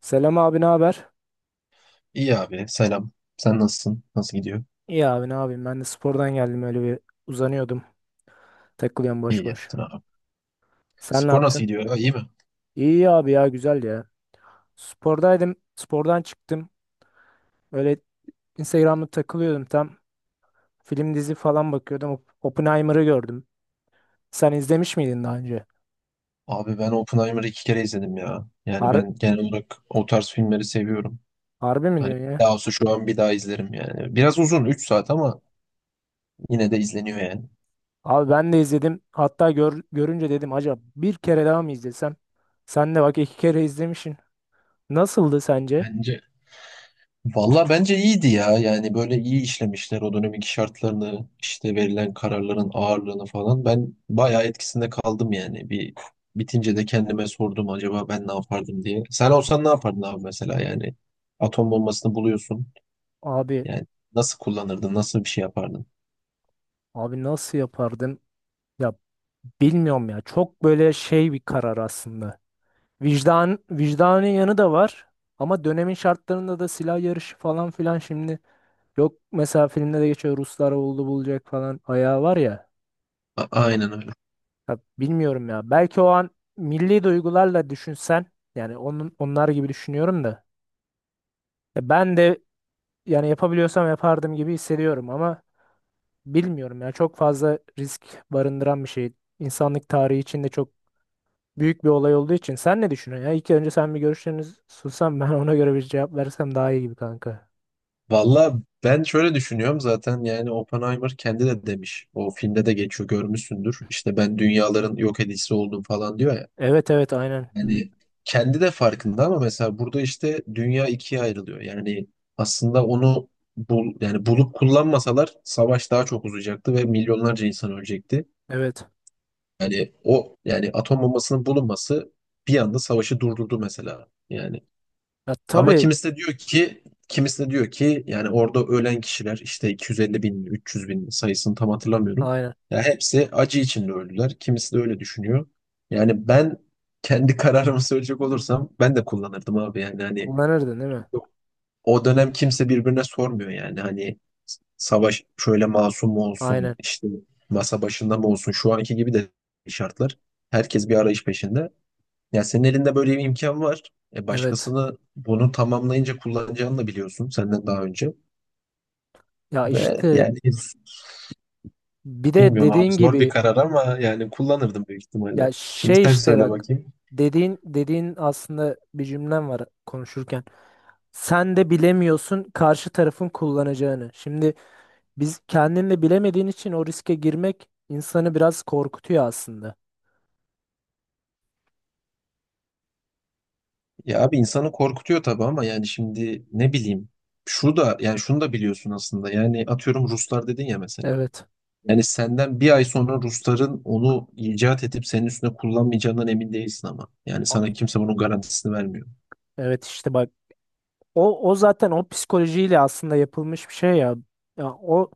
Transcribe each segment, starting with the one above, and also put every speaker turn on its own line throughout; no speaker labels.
Selam abi ne haber?
İyi abi, selam. Sen nasılsın? Nasıl gidiyor?
İyi abi ne yapayım ben de spordan geldim öyle bir uzanıyordum. Takılıyorum boş
İyi
boş.
yaptın abi.
Sen ne
Spor nasıl
yaptın?
gidiyor? Ya, iyi mi?
İyi abi ya güzel ya. Spordaydım. Spordan çıktım. Öyle Instagram'da takılıyordum tam. Film dizi falan bakıyordum. Oppenheimer'ı gördüm. Sen izlemiş miydin daha önce?
Abi, ben Oppenheimer'ı iki kere izledim ya. Yani
Har
ben genel olarak o tarz filmleri seviyorum.
harbi mi
Hani
diyorsun ya?
daha olsa şu an bir daha izlerim yani. Biraz uzun, 3 saat, ama yine de izleniyor yani.
Abi ben de izledim. Hatta görünce dedim acaba bir kere daha mı izlesem? Sen de bak iki kere izlemişsin. Nasıldı sence?
Bence Valla bence iyiydi ya. Yani böyle iyi işlemişler o dönemin şartlarını, işte verilen kararların ağırlığını falan. Ben bayağı etkisinde kaldım yani. Bir bitince de kendime sordum, acaba ben ne yapardım diye. Sen olsan ne yapardın abi mesela yani? Atom bombasını buluyorsun.
Abi
Yani nasıl kullanırdın, nasıl bir şey yapardın?
abi, nasıl yapardım? Ya, bilmiyorum ya. Çok böyle şey bir karar aslında. Vicdanın yanı da var. Ama dönemin şartlarında da silah yarışı falan filan şimdi yok, mesela filmde de geçiyor Ruslar oldu bulacak falan ayağı var ya.
Aynen öyle.
Ya bilmiyorum ya. Belki o an milli duygularla düşünsen yani onun onlar gibi düşünüyorum da. Ya ben de yani yapabiliyorsam yapardım gibi hissediyorum ama bilmiyorum ya. Çok fazla risk barındıran bir şey. İnsanlık tarihi içinde çok büyük bir olay olduğu için. Sen ne düşünüyorsun ya? İlk önce sen bir görüşlerini sunsan ben ona göre bir cevap versem daha iyi gibi kanka.
Valla ben şöyle düşünüyorum zaten, yani Oppenheimer kendi de demiş. O filmde de geçiyor, görmüşsündür. İşte ben dünyaların yok edicisi oldum falan diyor ya.
Evet evet aynen. Hı.
Yani kendi de farkında ama mesela burada işte dünya ikiye ayrılıyor. Yani aslında onu yani bulup kullanmasalar savaş daha çok uzayacaktı ve milyonlarca insan ölecekti.
Evet.
Yani o, yani atom bombasının bulunması bir anda savaşı durdurdu mesela. Yani
Ya
ama
tabii
kimisi de diyor ki yani orada ölen kişiler, işte 250 bin, 300 bin, sayısını tam hatırlamıyorum.
aynen.
Ya hepsi acı içinde öldüler. Kimisi de öyle düşünüyor. Yani ben kendi kararımı söyleyecek olursam, ben de kullanırdım abi, yani hani
Kullanırdın değil mi?
o dönem kimse birbirine sormuyor yani. Hani savaş şöyle masum mu olsun,
Aynen.
işte masa başında mı olsun şu anki gibi de şartlar. Herkes bir arayış peşinde. Ya senin elinde böyle bir imkan var. E,
Evet.
başkasını bunu tamamlayınca kullanacağını da biliyorsun senden daha önce.
Ya
Ve
işte
yani
bir de
bilmiyorum abi,
dediğin
zor bir
gibi
karar, ama yani kullanırdım büyük ihtimalle.
ya
Şimdi
şey
sen
işte
söyle
bak
bakayım.
dediğin aslında bir cümlem var konuşurken. Sen de bilemiyorsun karşı tarafın kullanacağını. Şimdi biz kendin de bilemediğin için o riske girmek insanı biraz korkutuyor aslında.
Ya abi, insanı korkutuyor tabii, ama yani şimdi ne bileyim, şunu da yani şunu da biliyorsun aslında. Yani atıyorum, Ruslar dedin ya mesela,
Evet.
yani senden bir ay sonra Rusların onu icat edip senin üstüne kullanmayacağından emin değilsin. Ama yani
O-
sana kimse bunun garantisini vermiyor.
Evet, işte bak o zaten o psikolojiyle aslında yapılmış bir şey ya. Ya o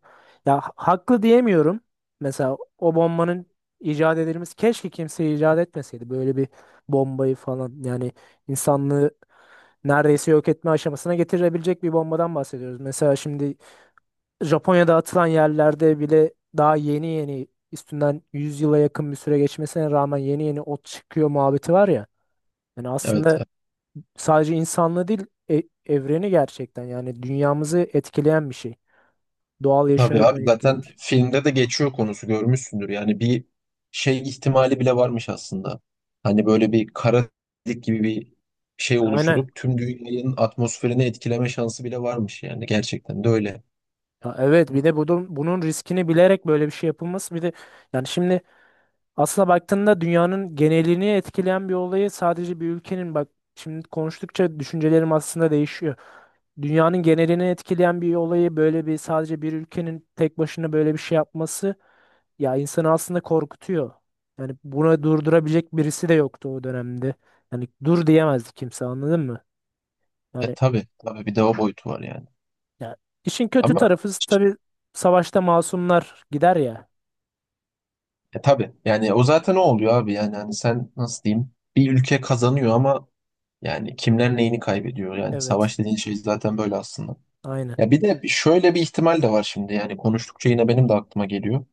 ya haklı diyemiyorum. Mesela o bombanın icat edilmesi, keşke kimse icat etmeseydi böyle bir bombayı falan. Yani insanlığı neredeyse yok etme aşamasına getirebilecek bir bombadan bahsediyoruz. Mesela şimdi Japonya'da atılan yerlerde bile daha yeni yeni üstünden 100 yıla yakın bir süre geçmesine rağmen yeni yeni ot çıkıyor muhabbeti var ya. Yani
Evet,
aslında
evet.
sadece insanlığı değil evreni gerçekten yani dünyamızı etkileyen bir şey. Doğal
Tabii
yaşamı
abi, zaten
etkilemiş.
filmde de geçiyor konusu, görmüşsündür. Yani bir şey ihtimali bile varmış aslında, hani böyle bir kara delik gibi bir şey
Aynen.
oluşturup tüm dünyanın atmosferini etkileme şansı bile varmış, yani gerçekten de öyle.
Ya evet, bir de bunun riskini bilerek böyle bir şey yapılması, bir de yani şimdi aslına baktığında dünyanın genelini etkileyen bir olayı sadece bir ülkenin bak, şimdi konuştukça düşüncelerim aslında değişiyor. Dünyanın genelini etkileyen bir olayı böyle bir sadece bir ülkenin tek başına böyle bir şey yapması, ya insanı aslında korkutuyor. Yani buna durdurabilecek birisi de yoktu o dönemde. Yani dur diyemezdi kimse, anladın mı? Yani
Tabii tabii, bir de o boyutu var yani.
ya işin kötü
Ama
tarafı, tabii savaşta masumlar gider ya.
tabii, yani o zaten o oluyor abi. Yani hani sen, nasıl diyeyim, bir ülke kazanıyor ama yani kimler neyini kaybediyor? Yani
Evet.
savaş dediğin şey zaten böyle aslında.
Aynen.
Ya bir de şöyle bir ihtimal de var şimdi, yani konuştukça yine benim de aklıma geliyor.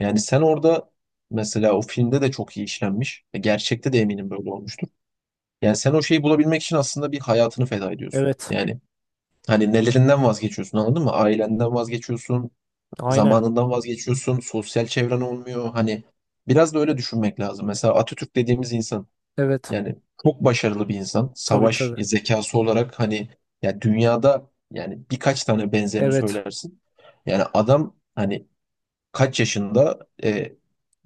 Yani sen orada, mesela o filmde de çok iyi işlenmiş. Gerçekte de eminim böyle olmuştur. Yani sen o şeyi bulabilmek için aslında bir hayatını feda ediyorsun.
Evet.
Yani hani nelerinden vazgeçiyorsun anladın mı? Ailenden vazgeçiyorsun,
Aynen.
zamanından vazgeçiyorsun, sosyal çevren olmuyor. Hani biraz da öyle düşünmek lazım. Mesela Atatürk dediğimiz insan,
Evet.
yani çok başarılı bir insan.
Tabii
Savaş
tabii.
zekası olarak hani ya, dünyada yani birkaç tane benzerini
Evet.
söylersin. Yani adam hani kaç yaşında,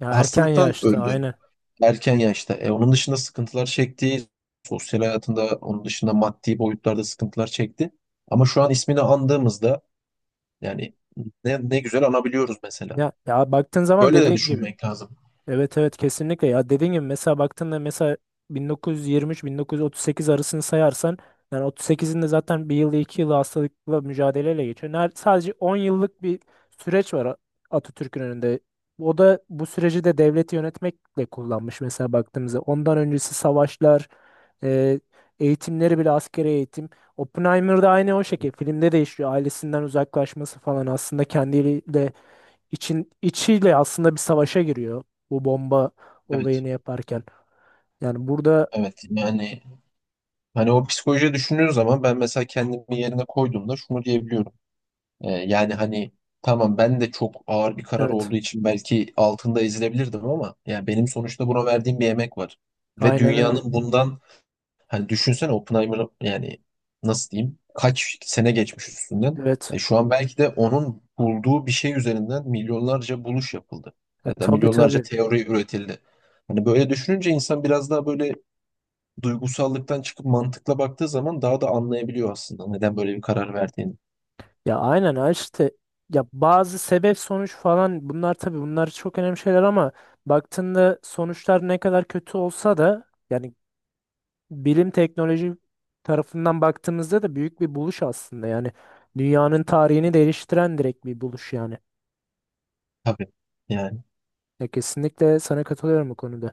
Ya erken
hastalıktan
yaşta
öldü
aynen.
erken yaşta. Onun dışında sıkıntılar çekti. Sosyal hayatında, onun dışında maddi boyutlarda sıkıntılar çekti. Ama şu an ismini andığımızda yani ne, ne güzel anabiliyoruz mesela.
Ya, ya baktığın zaman
Böyle de
dediğin gibi.
düşünmek lazım.
Evet evet kesinlikle, ya dediğim gibi mesela baktığında mesela 1923-1938 arasını sayarsan yani 38'in de zaten bir yılı 2 yılı hastalıkla mücadeleyle geçiyor. Sadece 10 yıllık bir süreç var Atatürk'ün önünde. O da bu süreci de devleti yönetmekle kullanmış mesela baktığımızda. Ondan öncesi savaşlar, e, eğitimleri bile askeri eğitim. Oppenheimer'da aynı o şekilde filmde de işliyor, ailesinden uzaklaşması falan aslında kendiyle içiyle aslında bir savaşa giriyor bu bomba
Evet.
olayını yaparken. Yani burada
Evet. Yani hani o psikolojiyi düşündüğün zaman, ben mesela kendimi yerine koyduğumda şunu diyebiliyorum. Yani hani tamam, ben de çok ağır bir karar
evet
olduğu için belki altında ezilebilirdim, ama yani benim sonuçta buna verdiğim bir emek var. Ve
aynen öyle.
dünyanın bundan… Hani düşünsene Oppenheimer'ı, yani nasıl diyeyim, kaç sene geçmiş üstünden.
Evet.
Şu an belki de onun bulduğu bir şey üzerinden milyonlarca buluş yapıldı.
Ya,
Ya da
tabii
milyonlarca
tabii.
teori üretildi. Hani böyle düşününce insan biraz daha böyle duygusallıktan çıkıp mantıkla baktığı zaman daha da anlayabiliyor aslında neden böyle bir karar verdiğini.
Ya aynen ha işte ya bazı sebep sonuç falan, bunlar tabii bunlar çok önemli şeyler ama baktığında sonuçlar ne kadar kötü olsa da yani bilim teknoloji tarafından baktığımızda da büyük bir buluş aslında yani dünyanın tarihini değiştiren direkt bir buluş yani.
Tabii. Yani
Ya kesinlikle sana katılıyorum bu konuda.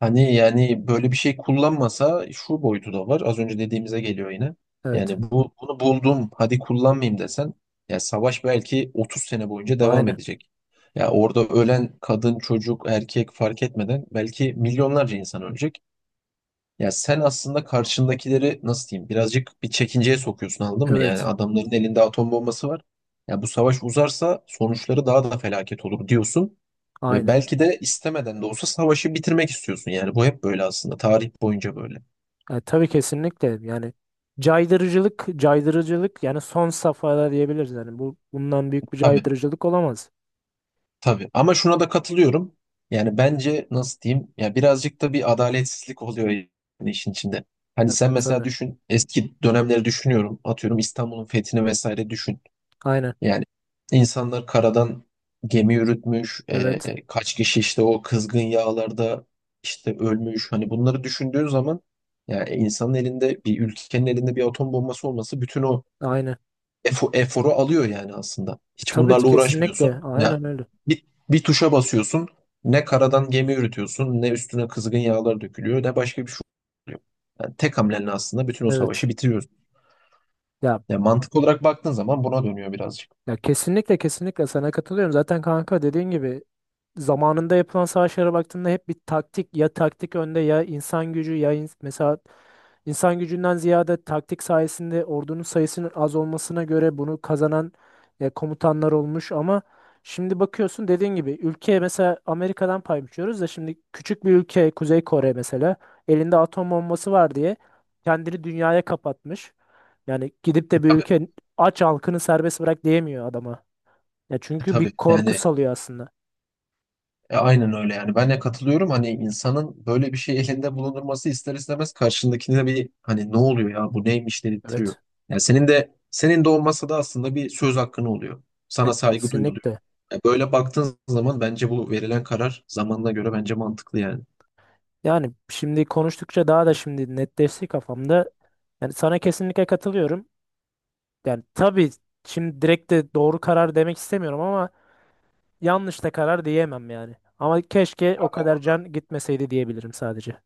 hani yani böyle bir şey kullanmasa şu boyutu da var. Az önce dediğimize geliyor yine.
Evet.
Yani bunu buldum, hadi kullanmayayım desen, ya savaş belki 30 sene boyunca devam
Aynen.
edecek. Ya orada ölen kadın, çocuk, erkek fark etmeden belki milyonlarca insan ölecek. Ya sen aslında karşındakileri, nasıl diyeyim, birazcık bir çekinceye sokuyorsun anladın mı? Yani
Evet.
adamların elinde atom bombası var. Ya bu savaş uzarsa sonuçları daha da felaket olur diyorsun. Ve
Aynen.
belki de istemeden de olsa savaşı bitirmek istiyorsun. Yani bu hep böyle aslında. Tarih boyunca böyle.
Tabii kesinlikle yani caydırıcılık caydırıcılık, yani son safhada diyebiliriz yani bu bundan büyük bir
Tabii
caydırıcılık olamaz.
tabii. Ama şuna da katılıyorum. Yani bence nasıl diyeyim? Ya birazcık da bir adaletsizlik oluyor yani işin içinde. Hani
Ya,
sen mesela
tabii.
düşün, eski dönemleri düşünüyorum. Atıyorum İstanbul'un fethini vesaire düşün.
Aynen.
Yani insanlar karadan gemi yürütmüş,
Evet.
kaç kişi işte o kızgın yağlarda işte ölmüş. Hani bunları düşündüğün zaman, yani insanın elinde, bir ülkenin elinde bir atom bombası olması bütün o
Aynen.
eforu alıyor yani aslında. Hiç
Tabii
bunlarla
kesinlikle.
uğraşmıyorsun. Ya
Aynen öyle.
bir tuşa basıyorsun. Ne karadan gemi yürütüyorsun, ne üstüne kızgın yağlar dökülüyor, ne başka bir şey oluyor. Yani tek hamlenle aslında bütün o
Evet.
savaşı bitiriyorsun.
Ya
Yani mantık olarak baktığın zaman buna dönüyor birazcık.
ya, kesinlikle kesinlikle sana katılıyorum. Zaten kanka dediğin gibi zamanında yapılan savaşlara baktığında hep bir taktik ya taktik önde ya insan gücü ya mesela insan gücünden ziyade taktik sayesinde ordunun sayısının az olmasına göre bunu kazanan komutanlar olmuş ama şimdi bakıyorsun dediğin gibi ülkeye mesela Amerika'dan pay biçiyoruz da, şimdi küçük bir ülke Kuzey Kore mesela elinde atom bombası var diye kendini dünyaya kapatmış. Yani gidip de bir
Tabii,
ülke aç halkını serbest bırak diyemiyor adama. Ya çünkü bir
tabii.
korku
Yani
salıyor aslında.
aynen öyle yani. Ben de katılıyorum. Hani insanın böyle bir şey elinde bulundurması ister istemez karşındakine bir hani, ne oluyor ya, bu neymiş dedirtiyor.
Evet.
Yani senin de olmasa da aslında bir söz hakkın oluyor.
Ya
Sana saygı duyuluyor.
kesinlikle.
Böyle baktığın zaman bence bu verilen karar zamanına göre bence mantıklı yani.
Yani şimdi konuştukça daha da şimdi netleşti kafamda. Yani sana kesinlikle katılıyorum. Yani tabii şimdi direkt de doğru karar demek istemiyorum ama yanlış da karar diyemem yani. Ama keşke o kadar can gitmeseydi diyebilirim sadece.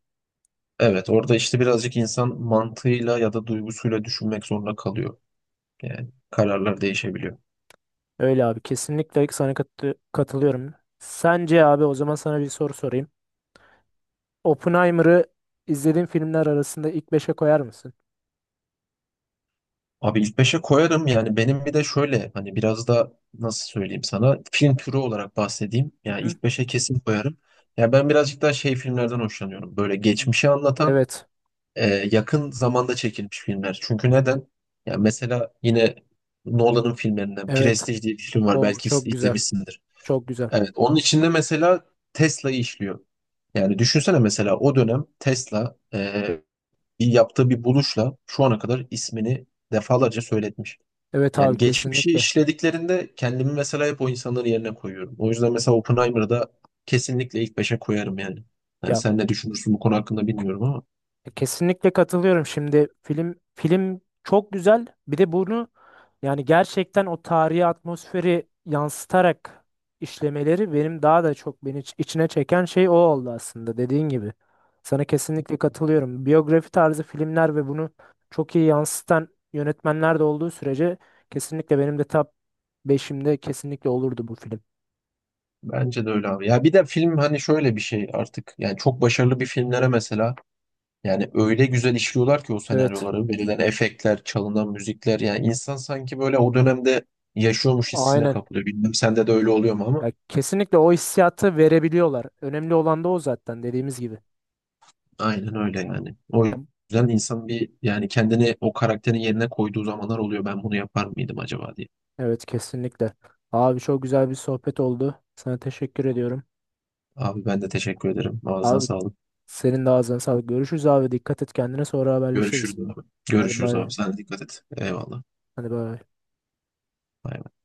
Evet, orada işte birazcık insan mantığıyla ya da duygusuyla düşünmek zorunda kalıyor. Yani kararlar değişebiliyor.
Öyle abi kesinlikle sana katılıyorum. Sence abi o zaman sana bir soru sorayım. Oppenheimer'ı izlediğin filmler arasında ilk beşe koyar mısın?
Abi ilk beşe koyarım yani. Benim bir de şöyle hani, biraz da nasıl söyleyeyim sana, film türü olarak bahsedeyim.
Hı
Yani
hı.
ilk beşe kesin koyarım. Ya ben birazcık daha şey filmlerden hoşlanıyorum. Böyle geçmişi anlatan,
Evet.
e, yakın zamanda çekilmiş filmler. Çünkü neden? Ya mesela yine Nolan'ın filmlerinden
Evet.
Prestige diye bir film var.
O
Belki
çok güzel.
izlemişsindir.
Çok güzel.
Evet, onun içinde mesela Tesla'yı işliyor. Yani düşünsene mesela o dönem Tesla bir yaptığı bir buluşla şu ana kadar ismini defalarca söyletmiş.
Evet abi
Yani geçmişi
kesinlikle.
işlediklerinde kendimi mesela hep o insanların yerine koyuyorum. O yüzden mesela Oppenheimer'ı da kesinlikle ilk beşe koyarım yani. Yani
Ya
sen ne düşünürsün bu konu hakkında bilmiyorum ama.
kesinlikle katılıyorum. Şimdi film çok güzel. Bir de bunu yani gerçekten o tarihi atmosferi yansıtarak işlemeleri, benim daha da çok beni içine çeken şey o oldu aslında dediğin gibi. Sana kesinlikle katılıyorum. Biyografi tarzı filmler ve bunu çok iyi yansıtan yönetmenler de olduğu sürece kesinlikle benim de top beşimde kesinlikle olurdu bu film.
Bence de öyle abi. Ya bir de film hani şöyle bir şey artık. Yani çok başarılı bir filmlere mesela, yani öyle güzel işliyorlar ki o
Evet.
senaryoları, verilen efektler, çalınan müzikler. Yani insan sanki böyle o dönemde yaşıyormuş hissine
Aynen.
kapılıyor. Bilmem sende de öyle oluyor mu, ama
Ya kesinlikle o hissiyatı verebiliyorlar. Önemli olan da o zaten dediğimiz gibi.
aynen öyle yani. O
Ya,
yüzden insan bir, yani kendini o karakterin yerine koyduğu zamanlar oluyor. Ben bunu yapar mıydım acaba diye.
evet kesinlikle. Abi çok güzel bir sohbet oldu. Sana teşekkür ediyorum.
Abi ben de teşekkür ederim. Ağzına
Abi
sağlık.
senin de ağzına sağlık. Görüşürüz abi. Dikkat et kendine sonra haberleşiriz.
Görüşürüz abi.
Hadi
Görüşürüz
bay bay.
abi. Sen de dikkat et. Eyvallah.
Hadi bay bay.
Bay bay.